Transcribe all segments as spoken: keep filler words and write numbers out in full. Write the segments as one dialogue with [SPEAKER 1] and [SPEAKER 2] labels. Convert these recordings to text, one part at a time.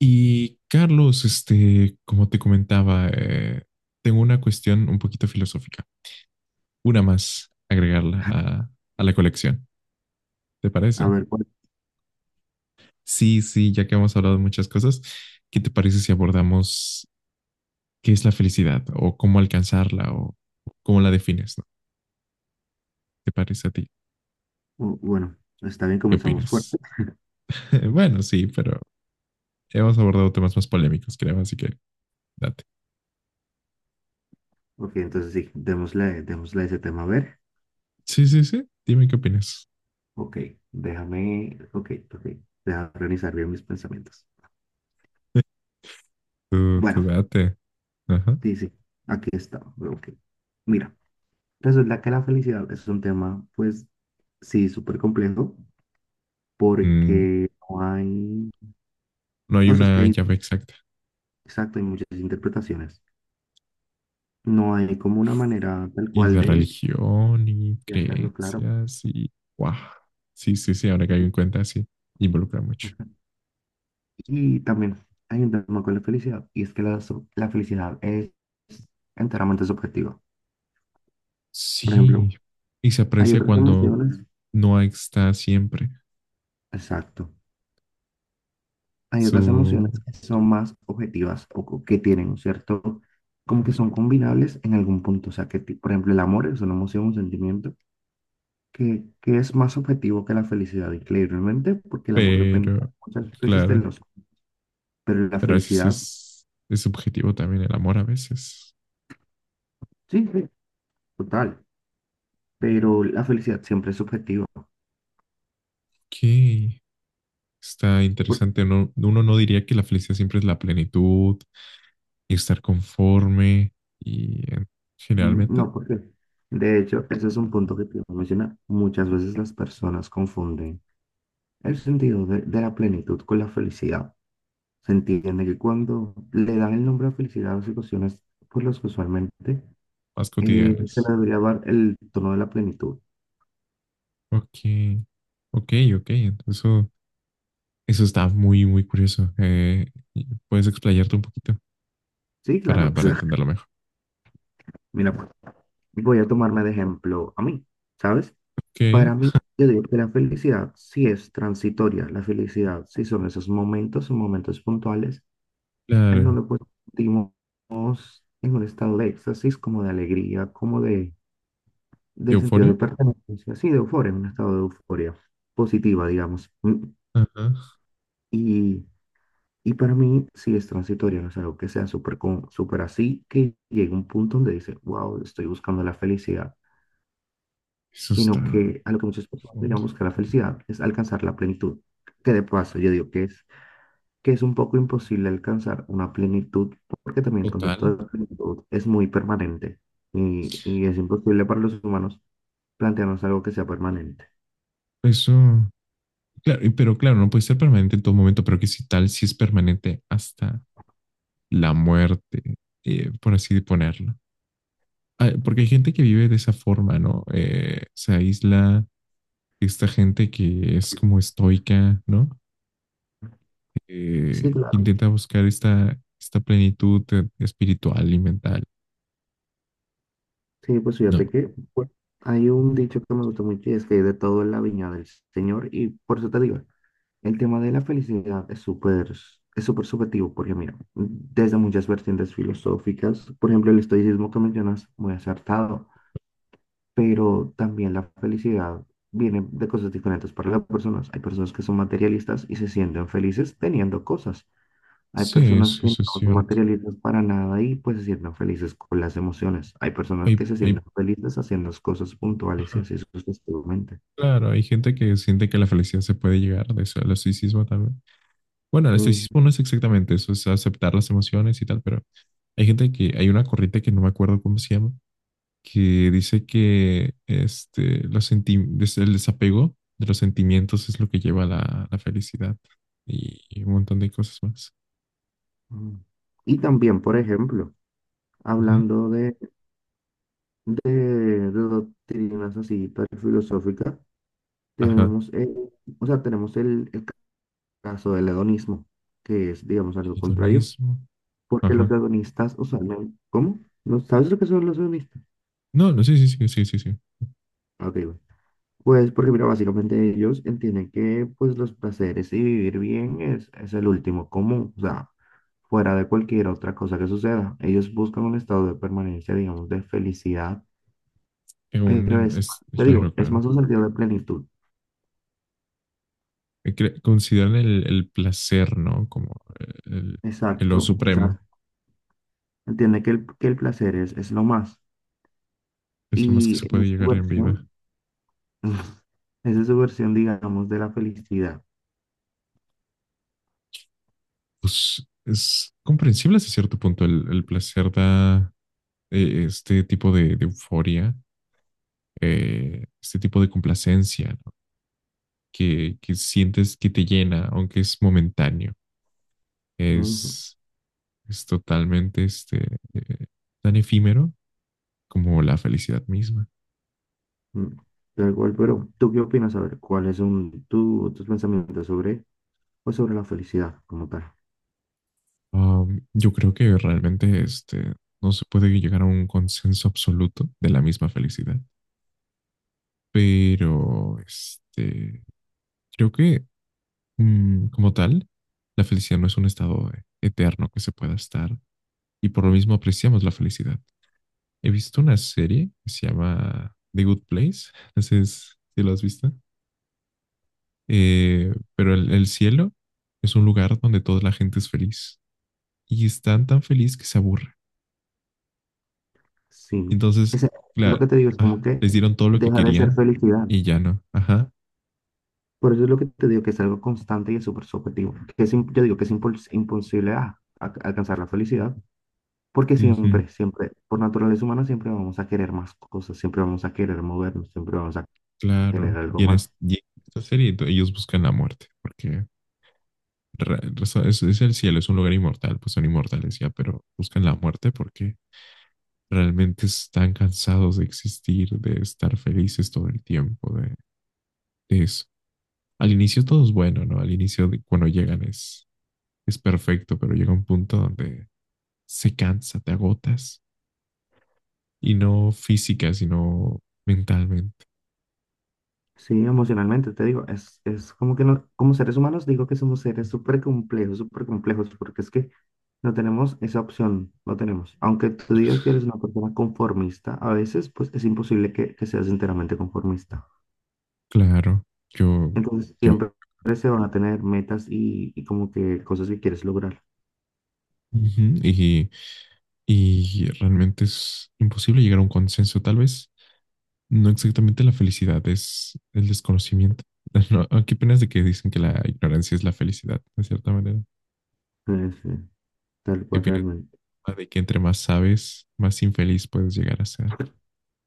[SPEAKER 1] Y Carlos, este, como te comentaba, eh, tengo una cuestión un poquito filosófica, una más agregarla a, a la colección, ¿te
[SPEAKER 2] A
[SPEAKER 1] parece?
[SPEAKER 2] ver, cuál-
[SPEAKER 1] Sí, sí, ya que hemos hablado de muchas cosas, ¿qué te parece si abordamos qué es la felicidad o cómo alcanzarla o cómo la defines, ¿no? ¿Te parece a ti?
[SPEAKER 2] u- bueno, está bien,
[SPEAKER 1] ¿Qué
[SPEAKER 2] comenzamos
[SPEAKER 1] opinas?
[SPEAKER 2] fuerte.
[SPEAKER 1] Bueno, sí, pero hemos abordado temas más polémicos, creo, así que date.
[SPEAKER 2] Ok, entonces sí, démosle, démosle a ese tema a ver.
[SPEAKER 1] Sí, sí, sí, dime qué opinas.
[SPEAKER 2] Ok, déjame, ok, ok, déjame organizar bien mis pensamientos.
[SPEAKER 1] Tú, tú
[SPEAKER 2] Bueno,
[SPEAKER 1] date. Ajá.
[SPEAKER 2] sí, sí, aquí está. Ok, mira, resulta que la felicidad es un tema, pues, sí, súper complejo,
[SPEAKER 1] Mm,
[SPEAKER 2] porque no hay,
[SPEAKER 1] no hay
[SPEAKER 2] no sé, es que
[SPEAKER 1] una
[SPEAKER 2] hay,
[SPEAKER 1] llave exacta.
[SPEAKER 2] exacto, hay muchas interpretaciones. No hay como una manera tal
[SPEAKER 1] Y
[SPEAKER 2] cual
[SPEAKER 1] de
[SPEAKER 2] de,
[SPEAKER 1] religión y
[SPEAKER 2] de hacerlo claro.
[SPEAKER 1] creencias y... ¡Wow! Sí, sí, sí, ahora que hay en cuenta, sí, involucra mucho.
[SPEAKER 2] Y también hay un tema con la felicidad, y es que la, so- la felicidad es enteramente subjetiva. Por ejemplo,
[SPEAKER 1] Sí, y se
[SPEAKER 2] hay
[SPEAKER 1] aprecia
[SPEAKER 2] otras
[SPEAKER 1] cuando
[SPEAKER 2] emociones,
[SPEAKER 1] no está siempre
[SPEAKER 2] exacto, hay otras
[SPEAKER 1] su...
[SPEAKER 2] emociones que son más objetivas o co- que tienen un cierto, como que son combinables en algún punto. O sea, que, ti- por ejemplo, el amor es una emoción, un sentimiento que, que es más objetivo que la felicidad, increíblemente, porque el amor depende
[SPEAKER 1] Pero,
[SPEAKER 2] muchas veces de
[SPEAKER 1] claro,
[SPEAKER 2] los, pero la
[SPEAKER 1] pero a veces
[SPEAKER 2] felicidad,
[SPEAKER 1] es, es subjetivo también el amor a veces.
[SPEAKER 2] sí, sí, total, pero la felicidad siempre es subjetiva.
[SPEAKER 1] Ok, está interesante. No, uno no diría que la felicidad siempre es la plenitud y estar conforme y eh,
[SPEAKER 2] Mm,
[SPEAKER 1] generalmente.
[SPEAKER 2] no, porque de hecho, ese es un punto que te iba a mencionar. Muchas veces las personas confunden el sentido de, de la plenitud con la felicidad. Se entiende que cuando le dan el nombre a felicidad a las situaciones por las que usualmente
[SPEAKER 1] Más
[SPEAKER 2] eh, se le
[SPEAKER 1] cotidianas.
[SPEAKER 2] debería dar el tono de la plenitud.
[SPEAKER 1] Ok, ok, ok. Eso, eso está muy, muy curioso. Eh, puedes explayarte un poquito
[SPEAKER 2] Sí, claro,
[SPEAKER 1] para,
[SPEAKER 2] pues
[SPEAKER 1] para entenderlo mejor.
[SPEAKER 2] mira, pues, voy a tomarme de ejemplo a mí, ¿sabes?
[SPEAKER 1] Ok,
[SPEAKER 2] Para mí, yo digo que la felicidad sí es transitoria, la felicidad sí son esos momentos, son momentos puntuales. No
[SPEAKER 1] claro.
[SPEAKER 2] lo sentimos en un estado de éxtasis, como de alegría, como de, de sentido de
[SPEAKER 1] ¿Euforia?
[SPEAKER 2] pertenencia, sí, de euforia, un estado de euforia positiva, digamos. Mm,
[SPEAKER 1] Ajá.
[SPEAKER 2] Y, y para mí sí es transitorio, no es algo que sea súper con- súper así, que llegue un punto donde dice, wow, estoy buscando la felicidad,
[SPEAKER 1] Eso está
[SPEAKER 2] sino que a lo que muchas personas le
[SPEAKER 1] profundo.
[SPEAKER 2] llaman buscar la felicidad es alcanzar la plenitud, que de paso yo digo que es que es un poco imposible alcanzar una plenitud, porque también el
[SPEAKER 1] Total.
[SPEAKER 2] concepto de plenitud es muy permanente y, y es imposible para los humanos plantearnos algo que sea permanente.
[SPEAKER 1] Eso, claro, y- pero claro, no puede ser permanente en todo momento, pero que si tal, si es permanente hasta la muerte, eh, por así ponerlo. Ah, porque hay gente que vive de esa forma, ¿no? Eh, se aísla, esta gente que es como estoica, ¿no?
[SPEAKER 2] Sí,
[SPEAKER 1] eh,
[SPEAKER 2] claro.
[SPEAKER 1] intenta buscar esta, esta plenitud eh, espiritual y mental.
[SPEAKER 2] Sí, pues
[SPEAKER 1] No.
[SPEAKER 2] fíjate que bueno, hay un dicho que me gusta mucho y es que hay de todo en la viña del Señor y por eso te digo, el tema de la felicidad es súper, es súper subjetivo porque mira, desde muchas vertientes filosóficas, por ejemplo, el estoicismo que mencionas, muy acertado. Pero también la felicidad viene de cosas diferentes para las personas. Hay personas que son materialistas y se sienten felices teniendo cosas. Hay
[SPEAKER 1] Sí,
[SPEAKER 2] personas
[SPEAKER 1] sí,
[SPEAKER 2] que no
[SPEAKER 1] eso es
[SPEAKER 2] son
[SPEAKER 1] cierto.
[SPEAKER 2] materialistas para nada y pues se sienten felices con las emociones. Hay personas
[SPEAKER 1] Hay,
[SPEAKER 2] que se
[SPEAKER 1] hay-
[SPEAKER 2] sienten felices haciendo las cosas puntuales y
[SPEAKER 1] ajá,
[SPEAKER 2] así sucesivamente.
[SPEAKER 1] claro, hay gente que siente que la felicidad se puede llegar, de eso, el estoicismo también. Bueno, el
[SPEAKER 2] Mm,
[SPEAKER 1] estoicismo no es exactamente eso, es aceptar las emociones y tal, pero hay gente que, hay una corriente que no me acuerdo cómo se llama, que dice que este, los senti- des- el desapego de los sentimientos es lo que lleva a la, la felicidad y, un montón de cosas más.
[SPEAKER 2] mm. Y
[SPEAKER 1] Y-
[SPEAKER 2] también, por ejemplo,
[SPEAKER 1] Ujú.
[SPEAKER 2] hablando de, de, de doctrinas así, tal filosófica,
[SPEAKER 1] Ajá.
[SPEAKER 2] tenemos, el- o sea, tenemos el, el caso del hedonismo, que es, digamos, algo contrario,
[SPEAKER 1] Hedonismo.
[SPEAKER 2] porque los
[SPEAKER 1] Ajá.
[SPEAKER 2] hedonistas usualmente, ¿cómo? ¿No sabes lo que son los hedonistas?
[SPEAKER 1] No, no, sí, sí, sí, sí, sí, sí.
[SPEAKER 2] Ah, ok, bueno. Pues porque, mira, básicamente ellos entienden que, pues, los placeres y vivir bien es, es el último común, o sea, fuera de cualquier otra cosa que suceda. Ellos buscan un estado de permanencia, digamos, de felicidad,
[SPEAKER 1] Es un-
[SPEAKER 2] pero
[SPEAKER 1] en-
[SPEAKER 2] es,
[SPEAKER 1] es,
[SPEAKER 2] te digo,
[SPEAKER 1] claro,
[SPEAKER 2] es
[SPEAKER 1] claro.
[SPEAKER 2] más un sentido de plenitud.
[SPEAKER 1] Eh, cre- Consideran el, el placer, ¿no? Como eh, el, el lo
[SPEAKER 2] Exacto, o
[SPEAKER 1] supremo.
[SPEAKER 2] sea, entiende que el, que el placer es, es lo más.
[SPEAKER 1] Es lo más que
[SPEAKER 2] Y
[SPEAKER 1] se
[SPEAKER 2] en
[SPEAKER 1] puede
[SPEAKER 2] su
[SPEAKER 1] llegar en vida.
[SPEAKER 2] versión, esa es su versión, digamos, de la felicidad.
[SPEAKER 1] Pues es comprensible hasta cierto punto. El, el placer da eh, este tipo de, de euforia, eh, este tipo de complacencia, ¿no? Que, que sientes que te llena, aunque es momentáneo.
[SPEAKER 2] Ujú,
[SPEAKER 1] Es, es totalmente este, eh, tan efímero como la felicidad misma.
[SPEAKER 2] ujú. Tal cual, pero ¿tú qué opinas? A ver, ¿cuáles son tu- tus pensamientos sobre, pues, sobre la felicidad como tal?
[SPEAKER 1] Um, yo creo que realmente este, no se puede llegar a un consenso absoluto de la misma felicidad, pero este, creo que mm, como tal, la felicidad no es un estado eterno que se pueda estar y por lo mismo apreciamos la felicidad. He visto una serie que se llama The Good Place, no sé si lo has visto. Eh, pero el, el cielo es un lugar donde toda la gente es feliz y están tan feliz que se aburren.
[SPEAKER 2] Sí.
[SPEAKER 1] Entonces,
[SPEAKER 2] Ese- lo que
[SPEAKER 1] claro,
[SPEAKER 2] te digo es como
[SPEAKER 1] ajá,
[SPEAKER 2] que
[SPEAKER 1] les dieron todo lo que
[SPEAKER 2] deja de ser
[SPEAKER 1] querían
[SPEAKER 2] felicidad.
[SPEAKER 1] y ya no. Ajá,
[SPEAKER 2] Por eso es lo que te digo, que es algo constante y es súper subjetivo. Que es, im- yo digo que es impos imposible ah, a- alcanzar la felicidad, porque
[SPEAKER 1] ujú,
[SPEAKER 2] siempre, siempre, por naturaleza humana, siempre vamos a querer más cosas, siempre vamos a querer movernos, siempre vamos a querer
[SPEAKER 1] claro.
[SPEAKER 2] algo
[SPEAKER 1] Y en, es-
[SPEAKER 2] más.
[SPEAKER 1] y en esta serie ento- ellos buscan la muerte, porque ra- raza- es, es el cielo, es un lugar inmortal, pues son inmortales ya, pero buscan la muerte porque realmente están cansados de existir, de estar felices todo el tiempo, de, de eso. Al inicio todo es bueno, ¿no? Al inicio de- cuando llegan es, es perfecto, pero llega un punto donde se cansa, te agotas y no física, sino mentalmente.
[SPEAKER 2] Sí, emocionalmente, te digo, es, es como que no, como seres humanos digo que somos seres súper complejos, súper complejos, porque es que no tenemos esa opción, no tenemos. Aunque tú digas que eres una persona conformista, a veces pues es imposible que, que seas enteramente conformista.
[SPEAKER 1] Claro, yo,
[SPEAKER 2] Entonces
[SPEAKER 1] yo,
[SPEAKER 2] siempre se van a tener metas y, y como que cosas que quieres lograr.
[SPEAKER 1] ujú, y, y realmente es imposible llegar a un consenso, tal vez no exactamente la felicidad, es el desconocimiento. No, ¿qué opinas de que dicen que la ignorancia es la felicidad, de cierta manera?
[SPEAKER 2] Eh, sí, tal
[SPEAKER 1] ¿Qué
[SPEAKER 2] cual
[SPEAKER 1] opinas
[SPEAKER 2] realmente.
[SPEAKER 1] de que entre más sabes, más infeliz puedes llegar a ser?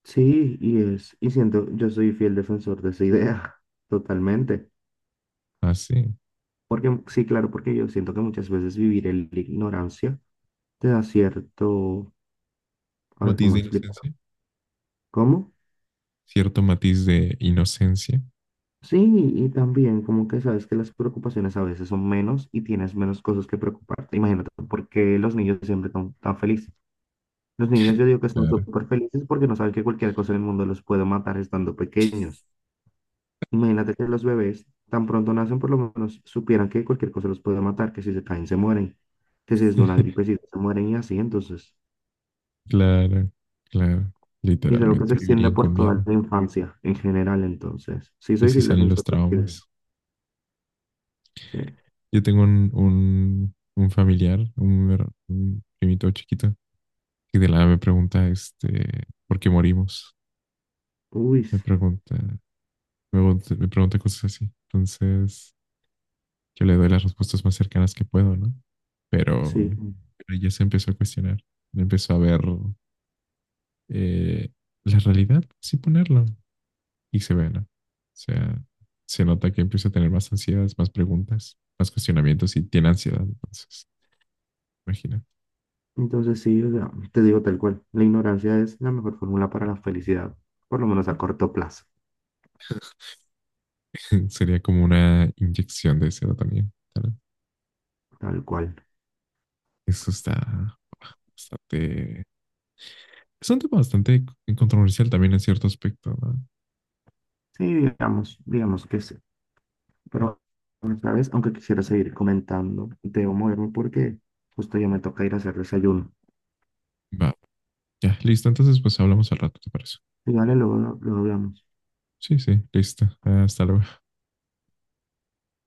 [SPEAKER 2] Sí, y es, y siento, yo soy fiel defensor de esa idea, totalmente.
[SPEAKER 1] Ah, sí.
[SPEAKER 2] Porque sí, claro, porque yo siento que muchas veces vivir en la ignorancia te da cierto, a ver
[SPEAKER 1] Matiz
[SPEAKER 2] cómo
[SPEAKER 1] de
[SPEAKER 2] explicar,
[SPEAKER 1] inocencia.
[SPEAKER 2] ¿cómo?
[SPEAKER 1] Cierto matiz de inocencia.
[SPEAKER 2] Sí, y también como que sabes que las preocupaciones a veces son menos y tienes menos cosas que preocuparte. Imagínate, porque los niños siempre son tan felices. Los niños yo digo que son
[SPEAKER 1] Claro.
[SPEAKER 2] súper felices porque no saben que cualquier cosa en el mundo los puede matar estando pequeños. Imagínate que los bebés tan pronto nacen por lo menos supieran que cualquier cosa los puede matar, que si se caen se mueren, que si es de una gripecita se mueren y así, entonces.
[SPEAKER 1] Claro, claro.
[SPEAKER 2] Y es algo que se
[SPEAKER 1] Literalmente
[SPEAKER 2] extiende
[SPEAKER 1] vivirían con
[SPEAKER 2] por toda
[SPEAKER 1] miedo.
[SPEAKER 2] la infancia, en general, entonces. Sí,
[SPEAKER 1] Que
[SPEAKER 2] soy
[SPEAKER 1] sí
[SPEAKER 2] fiel
[SPEAKER 1] salen los
[SPEAKER 2] defensor del.
[SPEAKER 1] traumas.
[SPEAKER 2] Sí.
[SPEAKER 1] Yo tengo un, un, un familiar, un, her- un primito chiquito, que de la nada me pregunta, este, ¿por qué morimos?
[SPEAKER 2] Uy,
[SPEAKER 1] Me pregunta, me, pregunta- me pregunta cosas así. Entonces, yo le doy las respuestas más cercanas que puedo, ¿no?
[SPEAKER 2] sí.
[SPEAKER 1] Pero, pero ya se empezó a cuestionar, empezó a ver eh, la realidad, sin ponerlo, y se ve, ¿no? O sea, se nota que empieza a tener más ansiedades, más preguntas, más cuestionamientos y tiene ansiedad, entonces, imagínate.
[SPEAKER 2] Entonces, sí, o sea, te digo tal cual. La ignorancia es la mejor fórmula para la felicidad, por lo menos a corto plazo,
[SPEAKER 1] Sería como una inyección de serotonina. ¿Verdad?
[SPEAKER 2] tal cual.
[SPEAKER 1] Eso está bastante... Es un tema bastante controversial también en cierto aspecto, ¿no?
[SPEAKER 2] Sí, digamos, digamos que sí. Pero, ¿sabes? Aunque quisiera seguir comentando, debo moverme porque justo ya me toca ir a hacer desayuno.
[SPEAKER 1] Va, ya, listo. Entonces, pues hablamos al rato, ¿te parece?
[SPEAKER 2] Y vale, luego, luego hablamos.
[SPEAKER 1] Sí, sí, listo. Hasta luego.